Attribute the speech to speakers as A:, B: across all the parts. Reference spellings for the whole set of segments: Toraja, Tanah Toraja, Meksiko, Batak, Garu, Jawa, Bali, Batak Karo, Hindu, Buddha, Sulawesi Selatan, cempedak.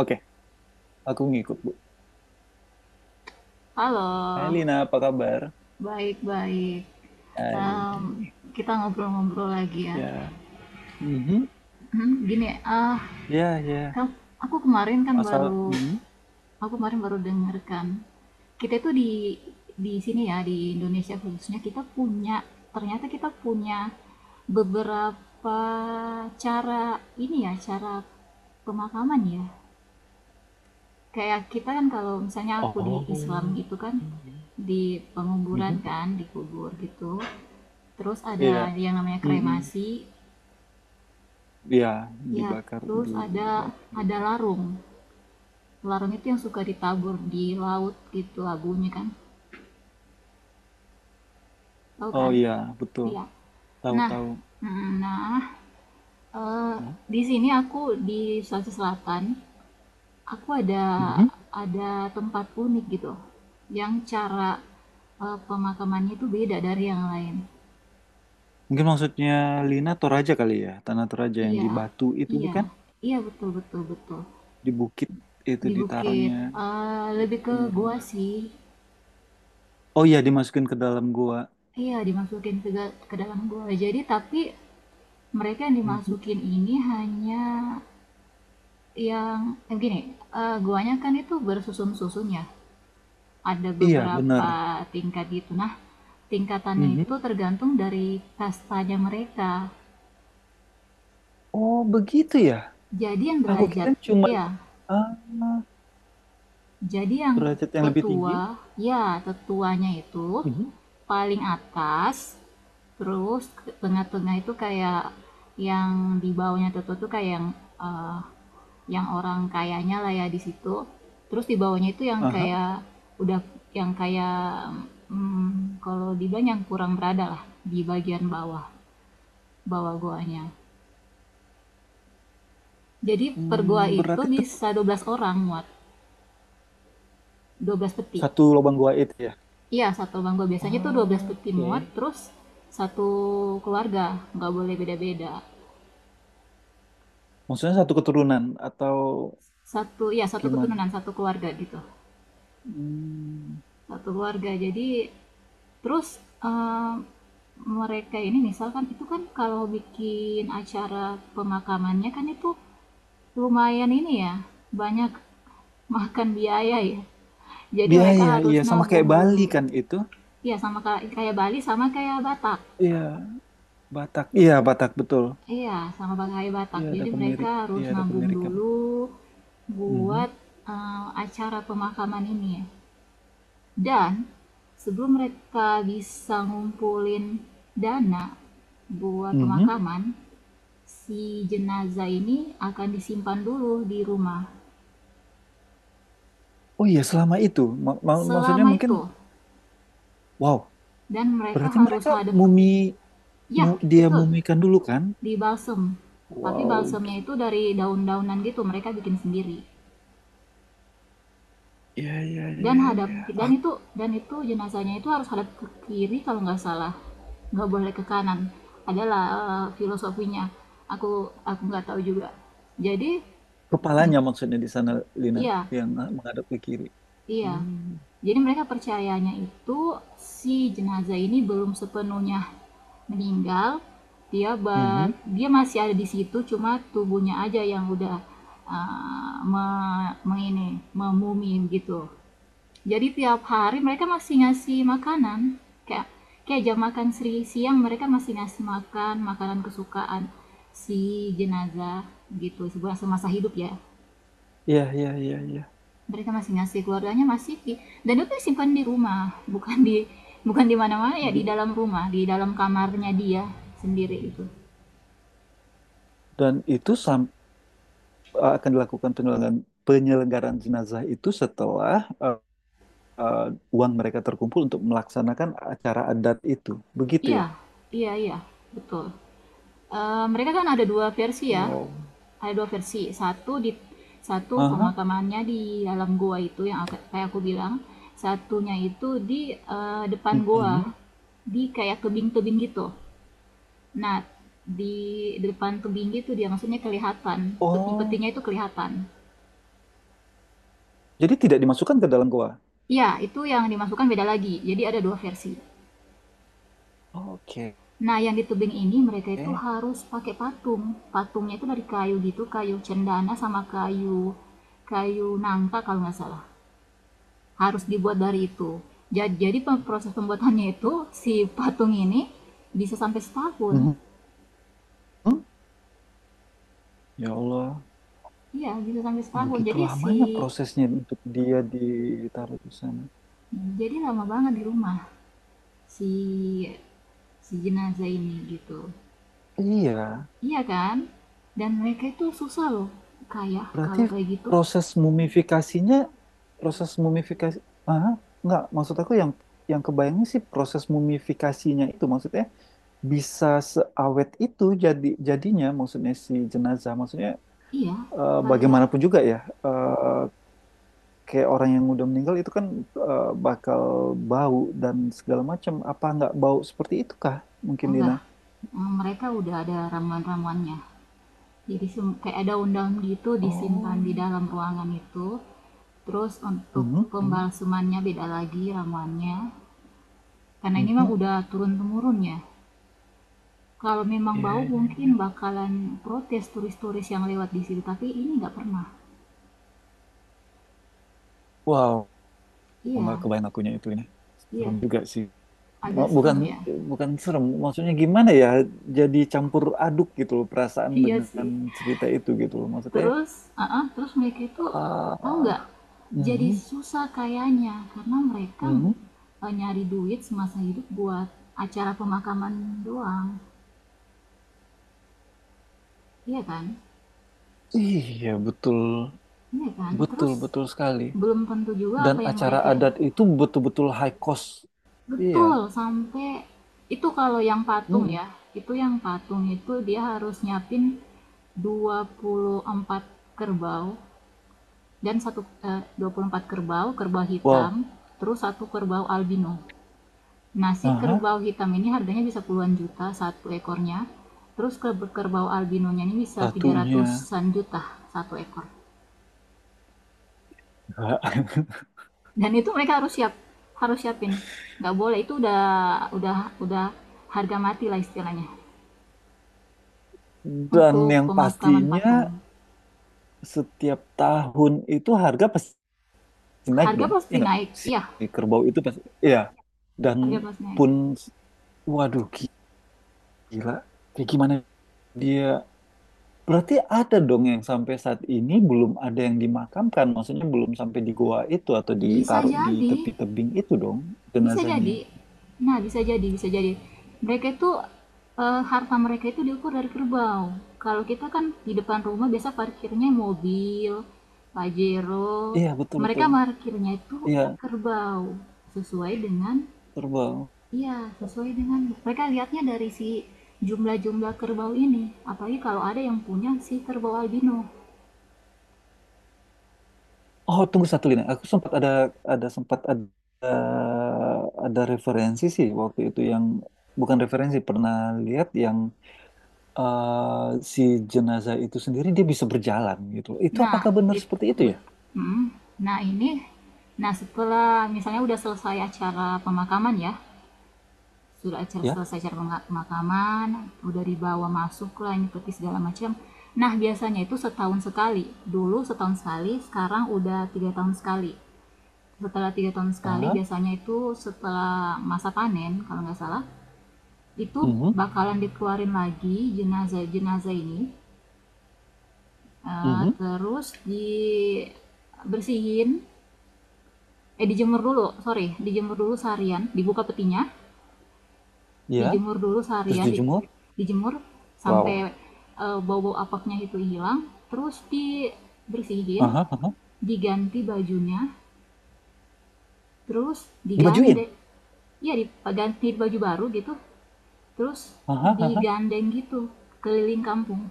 A: Oke, aku ngikut, Bu. Hai
B: Halo,
A: Lina, apa kabar?
B: baik-baik. Em,
A: Hai.
B: kita ngobrol-ngobrol lagi ya.
A: Ya, mhm,
B: Gini,
A: ya, ya.
B: aku kemarin
A: Masalah, mhm.
B: aku kemarin baru dengarkan. Kita itu di sini ya, di Indonesia khususnya kita punya, ternyata kita punya beberapa cara ini ya, cara pemakaman ya. Kayak kita kan kalau misalnya aku di Islam
A: Oh,
B: itu kan
A: ya.
B: di penguburan
A: Mhm.
B: kan dikubur gitu, terus ada
A: Iya,
B: yang namanya
A: mhm.
B: kremasi
A: Iya,
B: ya,
A: dibakar,
B: terus ada
A: dibakar gitu.
B: larung. Larung itu yang suka ditabur di laut gitu abunya, kan, tahu
A: Oh
B: kan.
A: iya, betul.
B: Iya, nah
A: Tahu-tahu.
B: nah eh,
A: Hmm.
B: di sini aku di Sulawesi Selatan aku
A: Mhm.
B: ada tempat unik gitu, yang cara pemakamannya itu beda dari yang lain.
A: Mungkin maksudnya Lina Toraja kali ya, Tanah Toraja yang di
B: Iya,
A: batu itu
B: iya,
A: bukan?
B: iya, betul betul betul.
A: Di bukit itu
B: Di bukit,
A: ditaruhnya. Iya,
B: lebih ke gua
A: benar-benar.
B: sih.
A: Oh iya, dimasukin ke dalam gua.
B: Iya, dimasukin ke, ke dalam gua. Jadi tapi mereka yang
A: Mhm.
B: dimasukin ini hanya yang eh, gini, guanya kan itu bersusun-susun ya. Ada
A: Iya, benar.
B: beberapa tingkat gitu. Nah, tingkatannya itu
A: Mhm.
B: tergantung dari kastanya mereka.
A: Oh begitu ya.
B: Jadi yang
A: Aku kira
B: derajat,
A: cuma
B: ya
A: ah,
B: Jadi yang
A: derajat yang lebih tinggi.
B: tetua, ya tetuanya itu
A: Mhm.
B: paling atas, terus tengah-tengah itu kayak yang di bawahnya tetua, tuh kayak eh, yang orang kayanya lah ya di situ. Terus di bawahnya itu yang
A: Aha.
B: kayak udah yang kayak, kalau dibilang yang kurang berada lah, di bagian bawah bawah goanya. Jadi per goa
A: Hmm,
B: itu
A: berarti itu
B: bisa 12 orang muat, 12 peti.
A: satu lubang gua itu ya.
B: Iya, satu bangku. Biasanya tuh dua belas
A: Ah,
B: peti muat,
A: oke.
B: terus satu keluarga, nggak boleh beda-beda.
A: Maksudnya satu keturunan atau
B: Satu, ya satu
A: gimana?
B: keturunan, satu keluarga gitu.
A: Hmm,
B: Satu keluarga. Jadi terus eh, mereka ini misalkan itu kan kalau bikin acara pemakamannya kan itu lumayan ini ya, banyak makan biaya ya. Jadi mereka
A: biaya, iya
B: harus
A: sama
B: nabung
A: kayak Bali
B: dulu.
A: kan itu.
B: Ya sama kayak Bali, sama kayak Batak.
A: Iya, Batak. Iya, Batak betul.
B: Iya, sama pakai Batak.
A: Iya, ada
B: Jadi
A: kemiri.
B: mereka harus
A: Iya, ada
B: nabung
A: kemirikan.
B: dulu
A: Mhm.
B: buat acara pemakaman ini. Dan sebelum mereka bisa ngumpulin dana buat
A: Mhm.
B: pemakaman, si jenazah ini akan disimpan dulu di rumah.
A: Oh iya, selama itu. Maksudnya
B: Selama
A: mungkin
B: itu,
A: wow,
B: dan mereka
A: berarti
B: harus
A: mereka
B: hadap,
A: mumi
B: ya
A: dia
B: betul,
A: mumikan dulu kan?
B: di balsem. Tapi
A: Wow,
B: balsemnya itu dari daun-daunan gitu, mereka bikin sendiri.
A: iya, iya,
B: Dan
A: iya,
B: hadap,
A: iya.
B: dan itu, dan itu jenazahnya itu harus hadap ke kiri kalau nggak salah, nggak boleh ke kanan. Adalah filosofinya aku nggak tahu juga. Jadi mm,
A: Kepalanya maksudnya di sana, Lina,
B: iya
A: yang menghadap ke kiri.
B: iya.
A: Hmm.
B: Jadi mereka percayanya itu si jenazah ini belum sepenuhnya meninggal. dia bar
A: Mhm.
B: Dia masih ada di situ, cuma tubuhnya aja yang udah eh, me, mengini memumi gitu. Jadi tiap hari mereka masih ngasih makanan. Kayak kayak jam makan seri siang mereka masih ngasih makan, makanan kesukaan si jenazah gitu, sebulan semasa hidup ya,
A: Iya, iya, iya, iya.
B: mereka masih ngasih. Keluarganya masih di, dan itu disimpan di rumah, bukan di bukan di mana-mana, ya di
A: Di-
B: dalam rumah, di dalam kamarnya dia sendiri itu.
A: Dan itu akan dilakukan penyelenggaraan, penyelenggaraan jenazah itu setelah eh, eh, uang mereka terkumpul untuk melaksanakan acara adat itu. Begitu
B: Iya
A: ya?
B: iya iya betul. Eh, mereka kan ada dua versi ya.
A: Wow.
B: Ada dua versi. Satu di satu
A: Aha.
B: pemakamannya di dalam goa itu yang kayak aku bilang. Satunya itu di depan goa,
A: Mhm.
B: di kayak tebing-tebing gitu. Nah, di depan tebing gitu dia maksudnya kelihatan,
A: Oh,
B: peti-petinya itu kelihatan.
A: jadi tidak dimasukkan ke dalam goa?
B: Iya, itu yang dimasukkan beda lagi. Jadi ada dua versi.
A: Oke.
B: Nah, yang di tebing ini mereka itu harus pakai patung. Patungnya itu dari kayu gitu, kayu cendana sama kayu kayu nangka kalau nggak salah. Harus dibuat dari itu. Jadi, proses pembuatannya itu si patung ini bisa sampai setahun.
A: Mhm. Ya Allah.
B: Iya, bisa sampai setahun.
A: Begitu lamanya prosesnya untuk dia ditaruh di sana.
B: Jadi lama banget di rumah si si jenazah ini gitu.
A: Iya,
B: Iya kan? Dan mereka itu susah loh. Kayak
A: berarti
B: kalau kayak gitu.
A: proses mumifikasinya, proses mumifikasi, ah, nggak maksud aku yang kebayangnya sih proses mumifikasinya itu maksudnya bisa seawet itu jadi jadinya maksudnya si jenazah maksudnya
B: Iya, kayak.
A: bagaimanapun juga ya eh, kayak orang yang udah meninggal itu kan bakal bau dan segala macam apa nggak bau seperti itu kah mungkin Dina?
B: Enggak, mereka udah ada ramuan-ramuannya. Jadi sem, kayak ada daun gitu disimpan
A: Oh.
B: di dalam ruangan itu, terus untuk
A: Mhm, mhm,
B: pembalsemannya beda lagi ramuannya, karena ini mah
A: mhm.
B: udah turun-temurun ya. Kalau memang
A: Iya,
B: bau
A: iya.
B: mungkin bakalan protes turis-turis yang lewat di situ, tapi ini nggak pernah.
A: Wow, nggak
B: Iya,
A: kebayang akunya itu ini.
B: iya,
A: Serem juga sih.
B: agak
A: Bukan
B: serem ya.
A: bukan serem, maksudnya gimana ya? Jadi campur aduk gitu loh perasaan
B: Iya
A: dengan
B: sih.
A: cerita itu gitu loh. Maksudnya,
B: Terus mereka itu tahu
A: ah,
B: nggak, jadi
A: mhm,
B: susah kayaknya karena mereka
A: mhm.
B: nyari duit semasa hidup buat acara pemakaman doang, iya kan,
A: Iya, betul.
B: iya kan,
A: Betul,
B: terus
A: betul sekali.
B: belum tentu juga
A: Dan
B: apa yang
A: acara
B: mereka.
A: adat itu betul-betul high cost. Iya.
B: Betul, sampai itu kalau yang patung
A: Mhm.
B: ya, itu yang patung itu dia harus nyiapin 24 kerbau, dan satu, 24 kerbau kerbau hitam,
A: Wow.
B: terus satu kerbau albino. Nasi
A: Aha,
B: kerbau hitam ini harganya bisa puluhan juta satu ekornya, terus kerbau albinonya ini bisa tiga
A: satunya.
B: ratusan juta satu ekor. Dan itu mereka harus siapin, nggak boleh, itu udah harga mati lah istilahnya,
A: Dan
B: untuk
A: yang
B: pemakaman
A: pastinya
B: patung.
A: setiap tahun itu harga pasti naik
B: Harga
A: dong. Ya
B: pasti
A: nggak?
B: naik,
A: Si
B: iya,
A: si kerbau itu pasti. Ya. Dan
B: harga pasti naik.
A: pun, waduh gila. Kayak gimana dia. Berarti ada dong yang sampai saat ini belum ada yang dimakamkan. Maksudnya belum sampai di goa itu atau
B: Bisa
A: ditaruh di
B: jadi,
A: tepi tebing itu dong
B: bisa
A: jenazahnya.
B: jadi. Nah, bisa jadi, bisa jadi. Mereka itu, harta mereka itu diukur dari kerbau. Kalau kita kan di depan rumah biasa parkirnya mobil, Pajero.
A: Iya
B: Mereka
A: betul-betul.
B: parkirnya itu
A: Iya
B: kerbau, sesuai dengan,
A: terbang.
B: iya, sesuai dengan, mereka lihatnya dari si jumlah-jumlah kerbau ini. Apalagi kalau ada yang punya si kerbau albino.
A: Oh, tunggu satu lini. Aku sempat ada ada sempat ada ada referensi sih waktu itu yang bukan referensi pernah lihat yang eh, si jenazah itu sendiri dia bisa berjalan gitu. Itu
B: Nah,
A: apakah benar
B: it,
A: seperti itu ya?
B: bet- mm, nah ini Nah, setelah misalnya udah selesai acara pemakaman ya, sudah acara
A: Ya.
B: selesai acara pemakaman, udah dibawa masuk lah ini peti segala macam. Nah, biasanya itu setahun sekali, dulu setahun sekali, sekarang udah tiga tahun sekali. Setelah tiga tahun sekali,
A: Aha.
B: biasanya itu setelah masa panen kalau nggak salah, itu
A: Mhm.
B: bakalan dikeluarin lagi jenazah jenazah ini. Eh,
A: Mhm.
B: terus dibersihin, dijemur dulu, sorry, dijemur dulu seharian, dibuka petinya,
A: Ya.
B: dijemur dulu
A: Terus
B: seharian
A: dijemur.
B: dijemur sampai
A: Wow.
B: bau-bau apaknya itu hilang, terus dibersihin,
A: Aha. Aha.
B: diganti bajunya, terus
A: Dibajuin.
B: digandeng, ya diganti baju baru gitu, terus
A: Aha. Aha.
B: digandeng gitu keliling kampung,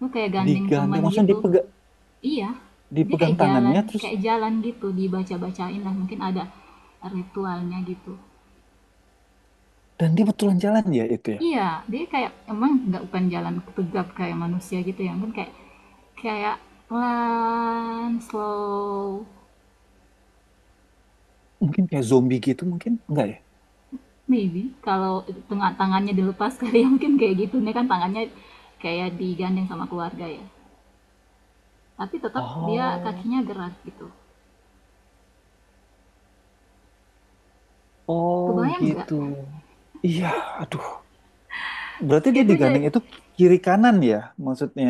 B: lu kayak gandeng teman
A: Digandeng. Maksudnya
B: gitu.
A: dipegang
B: Iya, dia
A: dipegang
B: kayak jalan,
A: tangannya terus
B: kayak jalan gitu, dibaca-bacain lah mungkin ada ritualnya gitu.
A: dan dia betulan jalan ya itu ya.
B: Iya, dia kayak emang nggak bukan jalan tegap kayak manusia gitu ya, mungkin kayak kayak pelan, slow,
A: Mungkin kayak zombie gitu mungkin enggak ya?
B: maybe kalau tengah tangannya dilepas kali ya, mungkin kayak gitu. Ini kan tangannya kayak digandeng sama keluarga ya. Tapi tetap dia
A: Oh.
B: kakinya gerak gitu.
A: Oh
B: Kebayang nggak?
A: gitu. Iya, aduh. Berarti dia
B: Itu jadi,
A: digandeng itu kiri kanan ya? Maksudnya,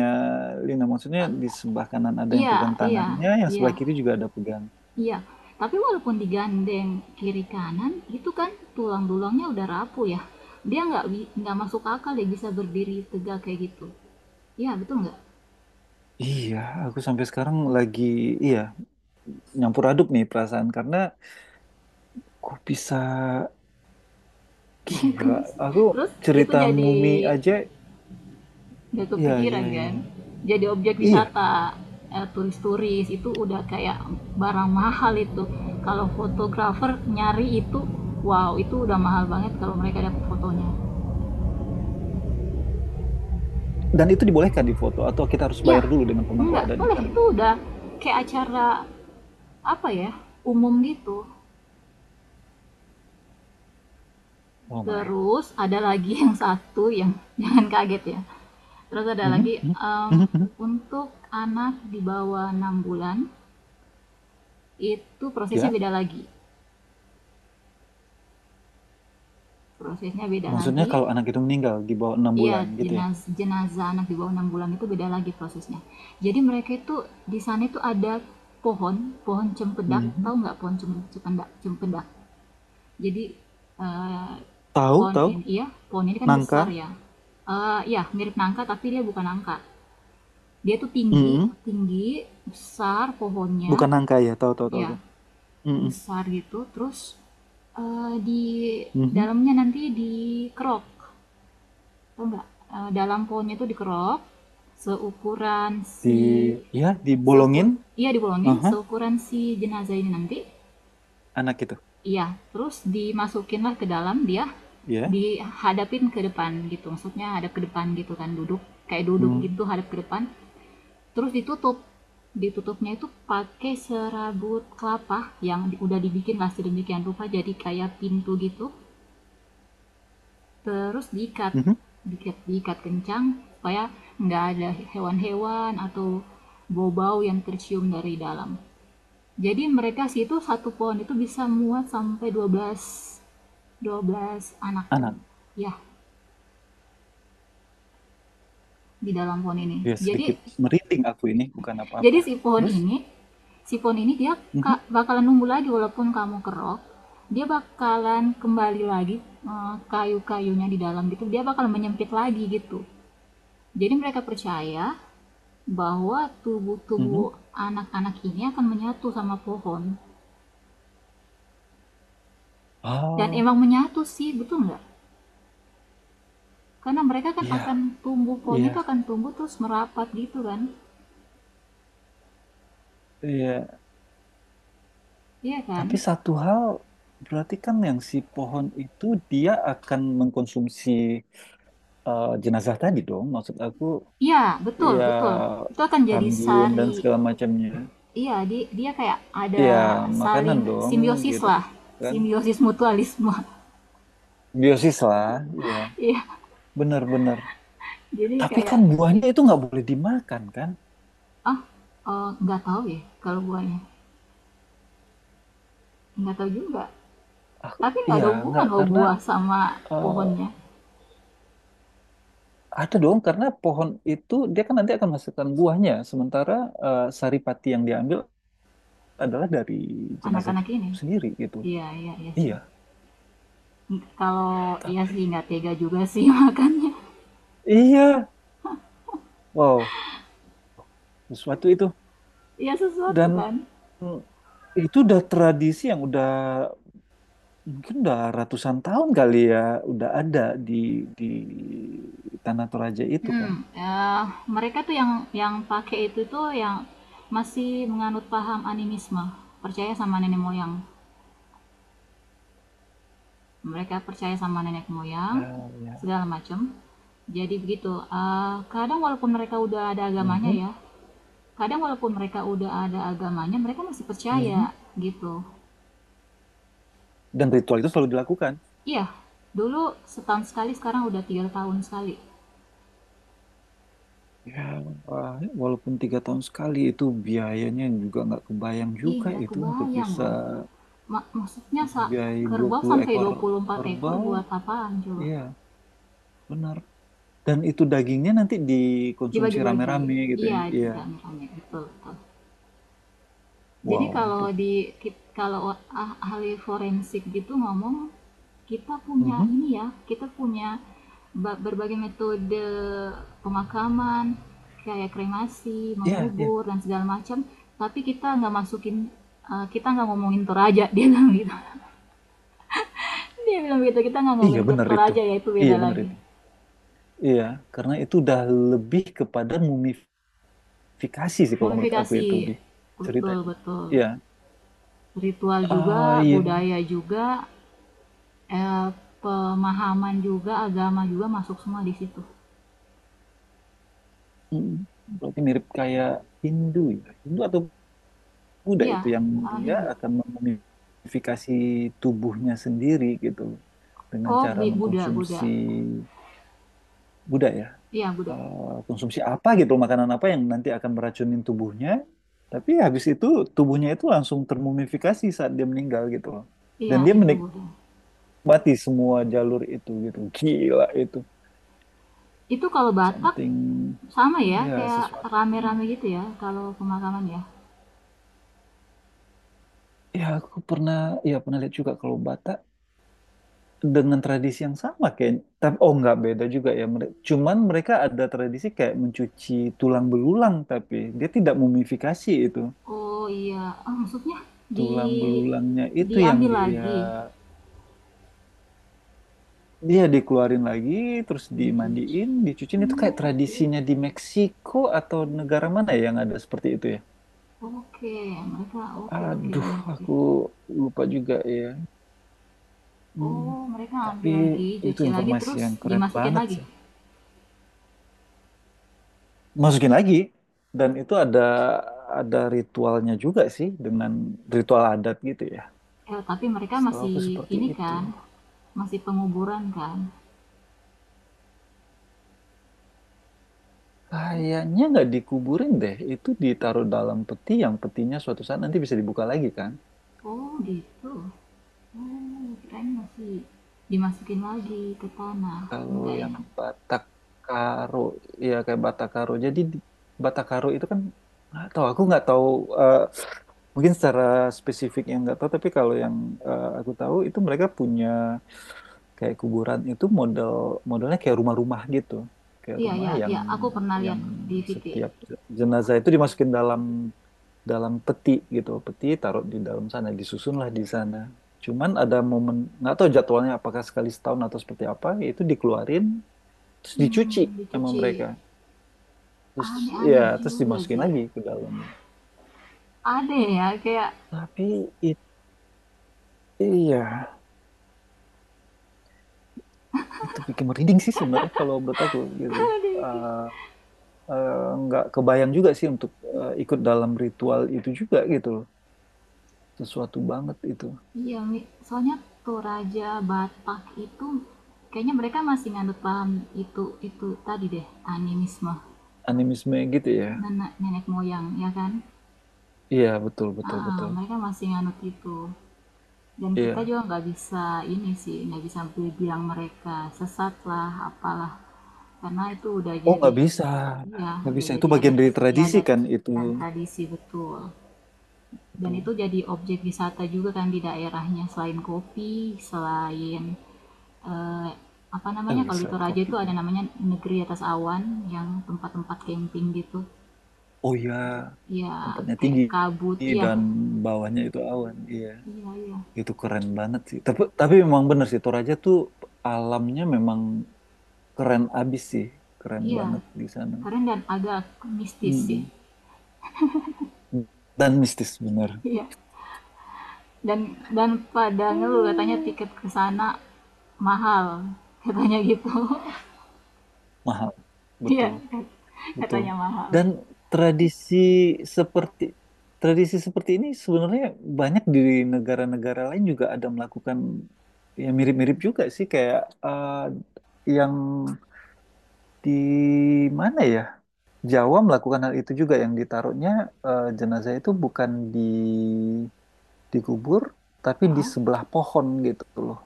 A: Lina, maksudnya di sebelah kanan ada yang
B: iya,
A: pegang
B: iya,
A: tangannya, yang
B: iya.
A: sebelah kiri juga ada pegang.
B: Iya, tapi walaupun digandeng kiri kanan, itu kan tulang-tulangnya udah rapuh ya. Dia nggak masuk akal ya bisa berdiri tegak kayak gitu. Iya betul nggak?
A: Iya, aku sampai sekarang lagi, iya, nyampur aduk nih perasaan. Karena kok bisa,
B: Kok
A: gila,
B: bisa?
A: aku
B: Terus itu
A: cerita
B: jadi,
A: mumi aja,
B: nggak
A: iya, iya,
B: kepikiran
A: iya,
B: kan?
A: iya.
B: Jadi objek
A: Iya,
B: wisata, turis-turis itu udah kayak barang mahal itu. Kalau fotografer nyari itu, wow itu udah mahal banget kalau mereka dapat fotonya.
A: dan itu dibolehkan di foto, atau kita harus
B: Iya,
A: bayar dulu dengan pemangku
B: enggak
A: adat di
B: boleh,
A: sana.
B: itu udah kayak acara apa ya, umum gitu.
A: Oh my.
B: Terus ada lagi yang satu yang jangan kaget ya, terus ada
A: Mhm,
B: lagi
A: mhm, mhm, mhm.
B: untuk anak di bawah 6 bulan itu prosesnya
A: Ya.
B: beda lagi, prosesnya beda
A: Maksudnya
B: lagi.
A: kalau anak itu meninggal di bawah enam
B: Iya,
A: bulan gitu ya?
B: jenazah anak di bawah 6 bulan itu beda lagi prosesnya. Jadi mereka itu di sana itu ada pohon pohon cempedak,
A: Mhm.
B: tahu nggak pohon cempedak, cempedak. Jadi, eee,
A: Tahu,
B: pohon
A: tahu.
B: ini, iya, pohon ini kan
A: Nangka.
B: besar ya, iya mirip nangka tapi dia bukan nangka. Dia tuh tinggi
A: Mhm.
B: tinggi, besar pohonnya,
A: Bukan nangka ya, tahu, tahu, tahu,
B: ya
A: tahu. Mhm.
B: besar gitu terus, di
A: Mhm.
B: dalamnya nanti dikerok, tahu nggak? Dalam pohonnya itu dikerok, seukuran
A: Di,
B: si
A: ya,
B: seukur,
A: dibolongin.
B: iya dibolongin,
A: Aha.
B: seukuran si jenazah ini nanti.
A: Anak itu.
B: Iya, terus dimasukinlah ke dalam dia,
A: Ya.
B: dihadapin ke depan gitu, maksudnya hadap ke depan gitu kan, duduk, kayak duduk gitu
A: Mhm.
B: hadap ke depan, terus ditutup. Ditutupnya itu pakai serabut kelapa yang udah dibikin lah sedemikian rupa jadi kayak pintu gitu, terus diikat,
A: Mhm.
B: diikat kencang supaya nggak ada hewan-hewan atau bau-bau yang tercium dari dalam. Jadi mereka situ satu pohon itu bisa muat sampai 12 anak.
A: Anak.
B: Ya, di dalam pohon ini.
A: Ya,
B: Jadi
A: sedikit merinding aku ini, bukan
B: jadi
A: apa-apa.
B: si pohon
A: Terus?
B: ini, si pohon ini dia
A: Mhm.
B: bakalan numbuh lagi walaupun kamu kerok, dia bakalan kembali lagi, kayu-kayunya di dalam gitu. Dia bakal menyempit lagi gitu. Jadi mereka percaya bahwa tubuh-tubuh
A: Mhm.
B: anak-anak ini akan menyatu sama pohon. Dan
A: Oh,
B: emang menyatu sih, betul nggak? Karena mereka kan
A: iya,
B: akan tumbuh,
A: iya,
B: pohonnya itu akan tumbuh terus merapat gitu kan,
A: iya.
B: iya
A: Tapi
B: kan,
A: satu hal, berarti kan yang si pohon itu, dia akan mengkonsumsi jenazah tadi dong. Maksud aku,
B: iya betul betul,
A: ya
B: itu akan jadi
A: Kambiun dan
B: sari,
A: segala macamnya.
B: iya, di- dia kayak ada
A: Iya, makanan
B: saling
A: dong
B: simbiosis
A: gitu
B: lah,
A: kan.
B: simbiosis mutualisme.
A: Biosis lah, iya.
B: Iya,
A: Benar-benar.
B: jadi
A: Tapi
B: kayak.
A: kan buahnya itu nggak boleh dimakan kan?
B: Ah, nggak tahu ya kalau buahnya, nggak tahu juga,
A: Aku,
B: tapi nggak
A: iya,
B: ada
A: nggak
B: hubungan loh
A: karena
B: buah sama
A: eh,
B: pohonnya,
A: ada dong karena pohon itu dia kan nanti akan menghasilkan buahnya. Sementara saripati yang diambil adalah dari jenazah itu
B: anak-anak ini.
A: sendiri gitu.
B: Iya, iya, iya sih.
A: Iya,
B: Kalau iya
A: tapi
B: sih nggak tega juga sih makannya.
A: iya, wow, sesuatu itu
B: Iya sesuatu
A: dan
B: kan.
A: itu udah tradisi yang udah mungkin udah ratusan tahun kali ya udah ada di di Tanah Toraja itu
B: Hmm,
A: kan.
B: eee, mereka tuh yang pakai itu tuh yang masih menganut paham animisme, percaya sama nenek moyang. Mereka percaya sama nenek moyang,
A: Ah, ya,
B: segala macam. Jadi begitu, kadang walaupun mereka udah ada agamanya
A: mhm,
B: ya, kadang walaupun mereka udah ada agamanya, mereka masih percaya,
A: mhm.
B: gitu.
A: Dan ritual itu selalu dilakukan.
B: Iya, dulu setahun sekali, sekarang udah 3 tahun sekali.
A: Ya, wah, walaupun tiga tahun sekali itu biayanya juga nggak kebayang
B: Ih,
A: juga
B: nggak
A: itu untuk
B: kebayang
A: bisa
B: loh, maksudnya sa,
A: biaya dua
B: kerbau
A: puluh
B: sampai
A: ekor
B: 24 ekor
A: kerbau.
B: buat apaan coba?
A: Iya, benar. Dan itu dagingnya nanti dikonsumsi
B: Dibagi-bagi.
A: rame-rame gitu ya.
B: Iya,
A: Iya.
B: rame-rame, betul betul. Jadi
A: Wow.
B: kalau
A: 20.
B: di kalau ahli forensik gitu ngomong, kita punya
A: Mhm.
B: ini ya, kita punya berbagai metode pemakaman, kayak kremasi,
A: Iya, iya.
B: mengubur dan segala macam, tapi kita nggak masukin, kita nggak ngomongin Toraja, dia bilang gitu. Dia bilang gitu, kita nggak
A: Iya
B: ngomongin ke
A: benar itu.
B: Toraja ya, itu
A: Iya
B: beda
A: benar
B: lagi.
A: itu. Iya, karena itu udah lebih kepada mumifikasi sih kalau menurut aku
B: Mumifikasi,
A: itu lebih
B: betul
A: ceritanya.
B: betul.
A: Iya.
B: Ritual juga,
A: Ah iya.
B: budaya juga, eh, pemahaman juga, agama juga, masuk semua di situ.
A: Mm. Berarti mirip kayak Hindu ya. Hindu atau Buddha
B: Iya,
A: itu yang dia
B: Hindu,
A: akan memumifikasi tubuhnya sendiri gitu dengan
B: oh
A: cara
B: Buddha, Buddha,
A: mengkonsumsi Buddha ya.
B: iya Buddha,
A: Konsumsi apa gitu makanan apa yang nanti akan meracunin tubuhnya tapi habis itu tubuhnya itu langsung termumifikasi saat dia meninggal gitu loh. Dan
B: iya
A: dia
B: itu
A: menik
B: Buddha.
A: bati semua jalur itu gitu gila itu
B: Itu kalau Batak
A: something
B: sama ya,
A: ya
B: kayak
A: sesuatu
B: rame-rame gitu ya kalau pemakaman ya.
A: ya aku pernah ya pernah lihat juga kalau Batak dengan tradisi yang sama kayak tapi oh nggak beda juga ya cuman mereka ada tradisi kayak mencuci tulang belulang tapi dia tidak mumifikasi itu
B: Oh iya. Ah, maksudnya di
A: tulang belulangnya itu yang
B: diambil
A: dia
B: lagi.
A: dia dikeluarin lagi terus
B: Begitu.
A: dimandiin dicuciin itu kayak
B: Oke,
A: tradisinya di Meksiko atau negara mana ya yang ada seperti itu ya.
B: oke, mereka oke oke
A: Aduh,
B: enak sih.
A: aku lupa juga ya. Hmm,
B: Oh, mereka
A: tapi
B: ambil lagi,
A: itu
B: cuci lagi
A: informasi
B: terus
A: yang keren
B: dimasukin
A: banget
B: lagi.
A: sih. Masukin lagi, dan itu ada ritualnya juga sih dengan ritual adat gitu ya.
B: Eh, tapi mereka
A: Setahu
B: masih
A: aku seperti
B: ini
A: itu.
B: kan, masih penguburan kan?
A: Kayaknya nggak dikuburin deh, itu ditaruh dalam peti yang petinya suatu saat nanti bisa dibuka lagi kan?
B: Oh gitu. Oh, kirain masih dimasukin lagi ke tanah.
A: Kalau
B: Enggak ya?
A: yang Batak Karo, ya kayak Batak Karo. Batak Karo itu kan nggak tahu, aku nggak tahu eh, mungkin secara spesifik yang nggak tahu, tapi kalau yang aku tahu itu mereka punya kayak kuburan itu model modelnya kayak rumah-rumah gitu kayak
B: Iya,
A: rumah
B: ya ya, aku pernah lihat
A: yang
B: di VT.
A: setiap jenazah itu dimasukin dalam dalam peti gitu peti taruh di dalam sana disusunlah di sana cuman ada momen nggak tahu jadwalnya apakah sekali setahun atau seperti apa itu dikeluarin terus dicuci sama
B: Dicuci.
A: mereka terus ya
B: Aneh-aneh
A: terus
B: juga
A: dimasukin
B: sih.
A: lagi ke dalam
B: Ada ya, kayak...
A: tapi itu ya itu bikin merinding sih sebenarnya kalau menurut aku gitu.
B: ada kayak-
A: Ah, eh, nggak kebayang juga sih untuk ikut dalam ritual itu juga gitu loh. Sesuatu banget itu.
B: iya, Mi. Soalnya Toraja Batak itu kayaknya mereka masih nganut paham itu tadi deh, animisme,
A: Animisme gitu ya.
B: nenek nenek moyang ya kan.
A: Iya, betul, betul,
B: Heeh,
A: betul.
B: mereka masih nganut itu. Dan kita
A: Iya.
B: juga nggak bisa ini sih, nggak bisa bilang mereka sesat lah, apalah. Karena itu udah
A: Oh,
B: jadi,
A: nggak bisa.
B: iya,
A: Nggak
B: udah
A: bisa. Itu
B: jadi
A: bagian
B: adat
A: dari tradisi
B: istiadat
A: kan itu.
B: dan tradisi, betul. Dan
A: Itu.
B: itu jadi objek wisata juga kan di daerahnya, selain kopi, selain eh, apa
A: Oh
B: namanya,
A: iya,
B: kalau di
A: selain
B: Toraja itu ada
A: kopinya.
B: namanya negeri atas awan, yang tempat-tempat camping gitu
A: Oh iya,
B: ya,
A: tempatnya
B: kayak
A: tinggi
B: kabut, iya
A: dan bawahnya itu awan. Iya.
B: iya iya.
A: Itu keren banget sih. Tapi memang bener sih, Toraja tuh alamnya memang keren abis sih. Keren
B: Iya,
A: banget di sana.
B: keren dan agak mistis sih.
A: Mm-mm. Dan mistis bener.
B: Iya. Dan dan pada ngeluh katanya
A: Hmm.
B: tiket ke sana mahal, katanya gitu.
A: Mahal
B: Iya,
A: betul betul
B: katanya mahal.
A: dan tradisi seperti tradisi seperti ini sebenarnya banyak di negara-negara lain juga ada melakukan ya mirip-mirip juga sih kayak eh, yang di mana ya Jawa melakukan hal itu juga yang ditaruhnya jenazah itu bukan di dikubur tapi di sebelah pohon gitu loh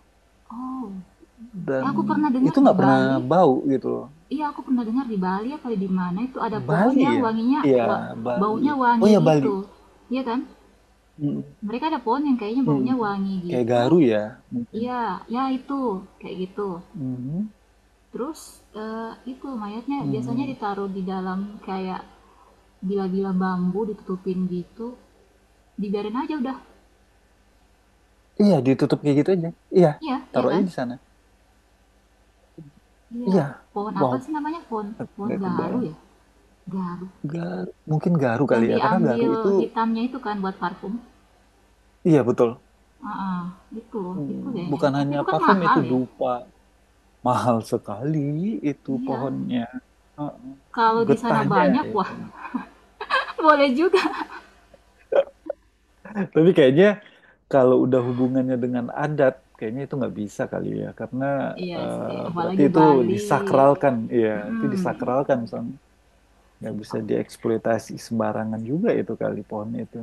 B: Oh,
A: dan
B: aku pernah dengar
A: itu
B: di
A: nggak pernah
B: Bali.
A: bau gitu loh.
B: Iya, aku pernah dengar di Bali apa di mana itu ada pohon
A: Bali
B: yang
A: ya?
B: wanginya
A: Iya,
B: wa-
A: Bali.
B: baunya
A: Oh
B: wangi
A: ya Bali.
B: gitu. Iya kan?
A: Mm,
B: Mereka ada pohon yang kayaknya
A: mm.
B: baunya wangi
A: Kayak
B: gitu.
A: Garu ya mungkin.
B: Iya, ya itu kayak gitu.
A: Mhm,
B: Terus itu mayatnya biasanya
A: mhm.
B: ditaruh di dalam kayak gila-gila bambu ditutupin gitu. Dibiarin aja udah.
A: Iya, ditutup kayak gitu aja. Iya,
B: Iya, iya
A: taruh aja
B: kan?
A: di sana.
B: Iya.
A: Iya.
B: Pohon apa sih
A: Wow,
B: namanya? Pohon pohon
A: nggak
B: garu
A: kebayang.
B: ya? Garu.
A: Garu, mungkin Garu
B: Yang
A: kali ya, karena Garu
B: diambil
A: itu
B: hitamnya itu kan buat parfum.
A: iya betul.
B: Ah, ah, itu itu
A: Mm,
B: kayaknya.
A: bukan
B: Tapi
A: hanya
B: itu kan
A: parfum
B: mahal
A: itu
B: ya?
A: dupa. Mahal sekali itu
B: Iya.
A: pohonnya. Heeh.
B: Kalau di sana
A: Getahnya
B: banyak,
A: ya,
B: wah,
A: kan.
B: boleh juga.
A: Tapi kayaknya kalau udah hubungannya dengan adat, kayaknya itu nggak bisa kali ya, karena
B: Iya sih,
A: eh, berarti
B: apalagi
A: itu
B: Bali.
A: disakralkan, iya, itu
B: Mm-mm.
A: disakralkan, Sam. Nggak bisa dieksploitasi sembarangan juga itu kali pohon itu.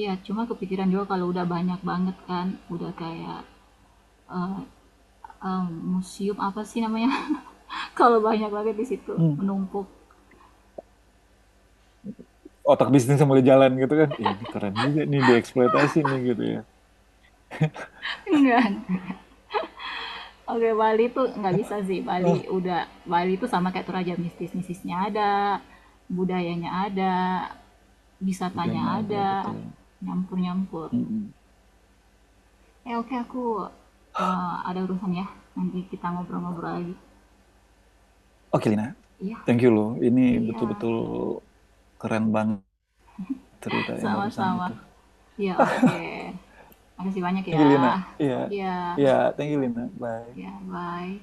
B: Iya, cuma kepikiran juga kalau udah banyak banget kan, udah kayak, eee eee, museum apa sih namanya? Kalau banyak banget di situ,
A: Hmm.
B: menumpuk.
A: Otak bisnis yang mulai jalan gitu kan, eh, ini keren juga nih dieksploitasi nih gitu ya.
B: Enggak, oke Bali tuh nggak bisa sih, Bali
A: Oh,
B: udah, Bali tuh sama kayak Toraja, mistis-mistisnya ada, budayanya ada, wisatanya
A: budayanya ada
B: ada,
A: betul.
B: nyampur-nyampur.
A: Mm-mm.
B: Eh, oke aku, ada urusan ya, nanti kita ngobrol-ngobrol lagi.
A: Oke Lina,
B: Iya
A: thank you loh. Ini
B: iya,
A: betul-betul keren banget cerita yang barusan
B: sama-sama.
A: itu.
B: Iya, oke.
A: Ah,
B: Makasih banyak
A: thank
B: ya.
A: you Lina. Iya,
B: Ya,
A: iya, thank you Lina. Bye.
B: ya bye.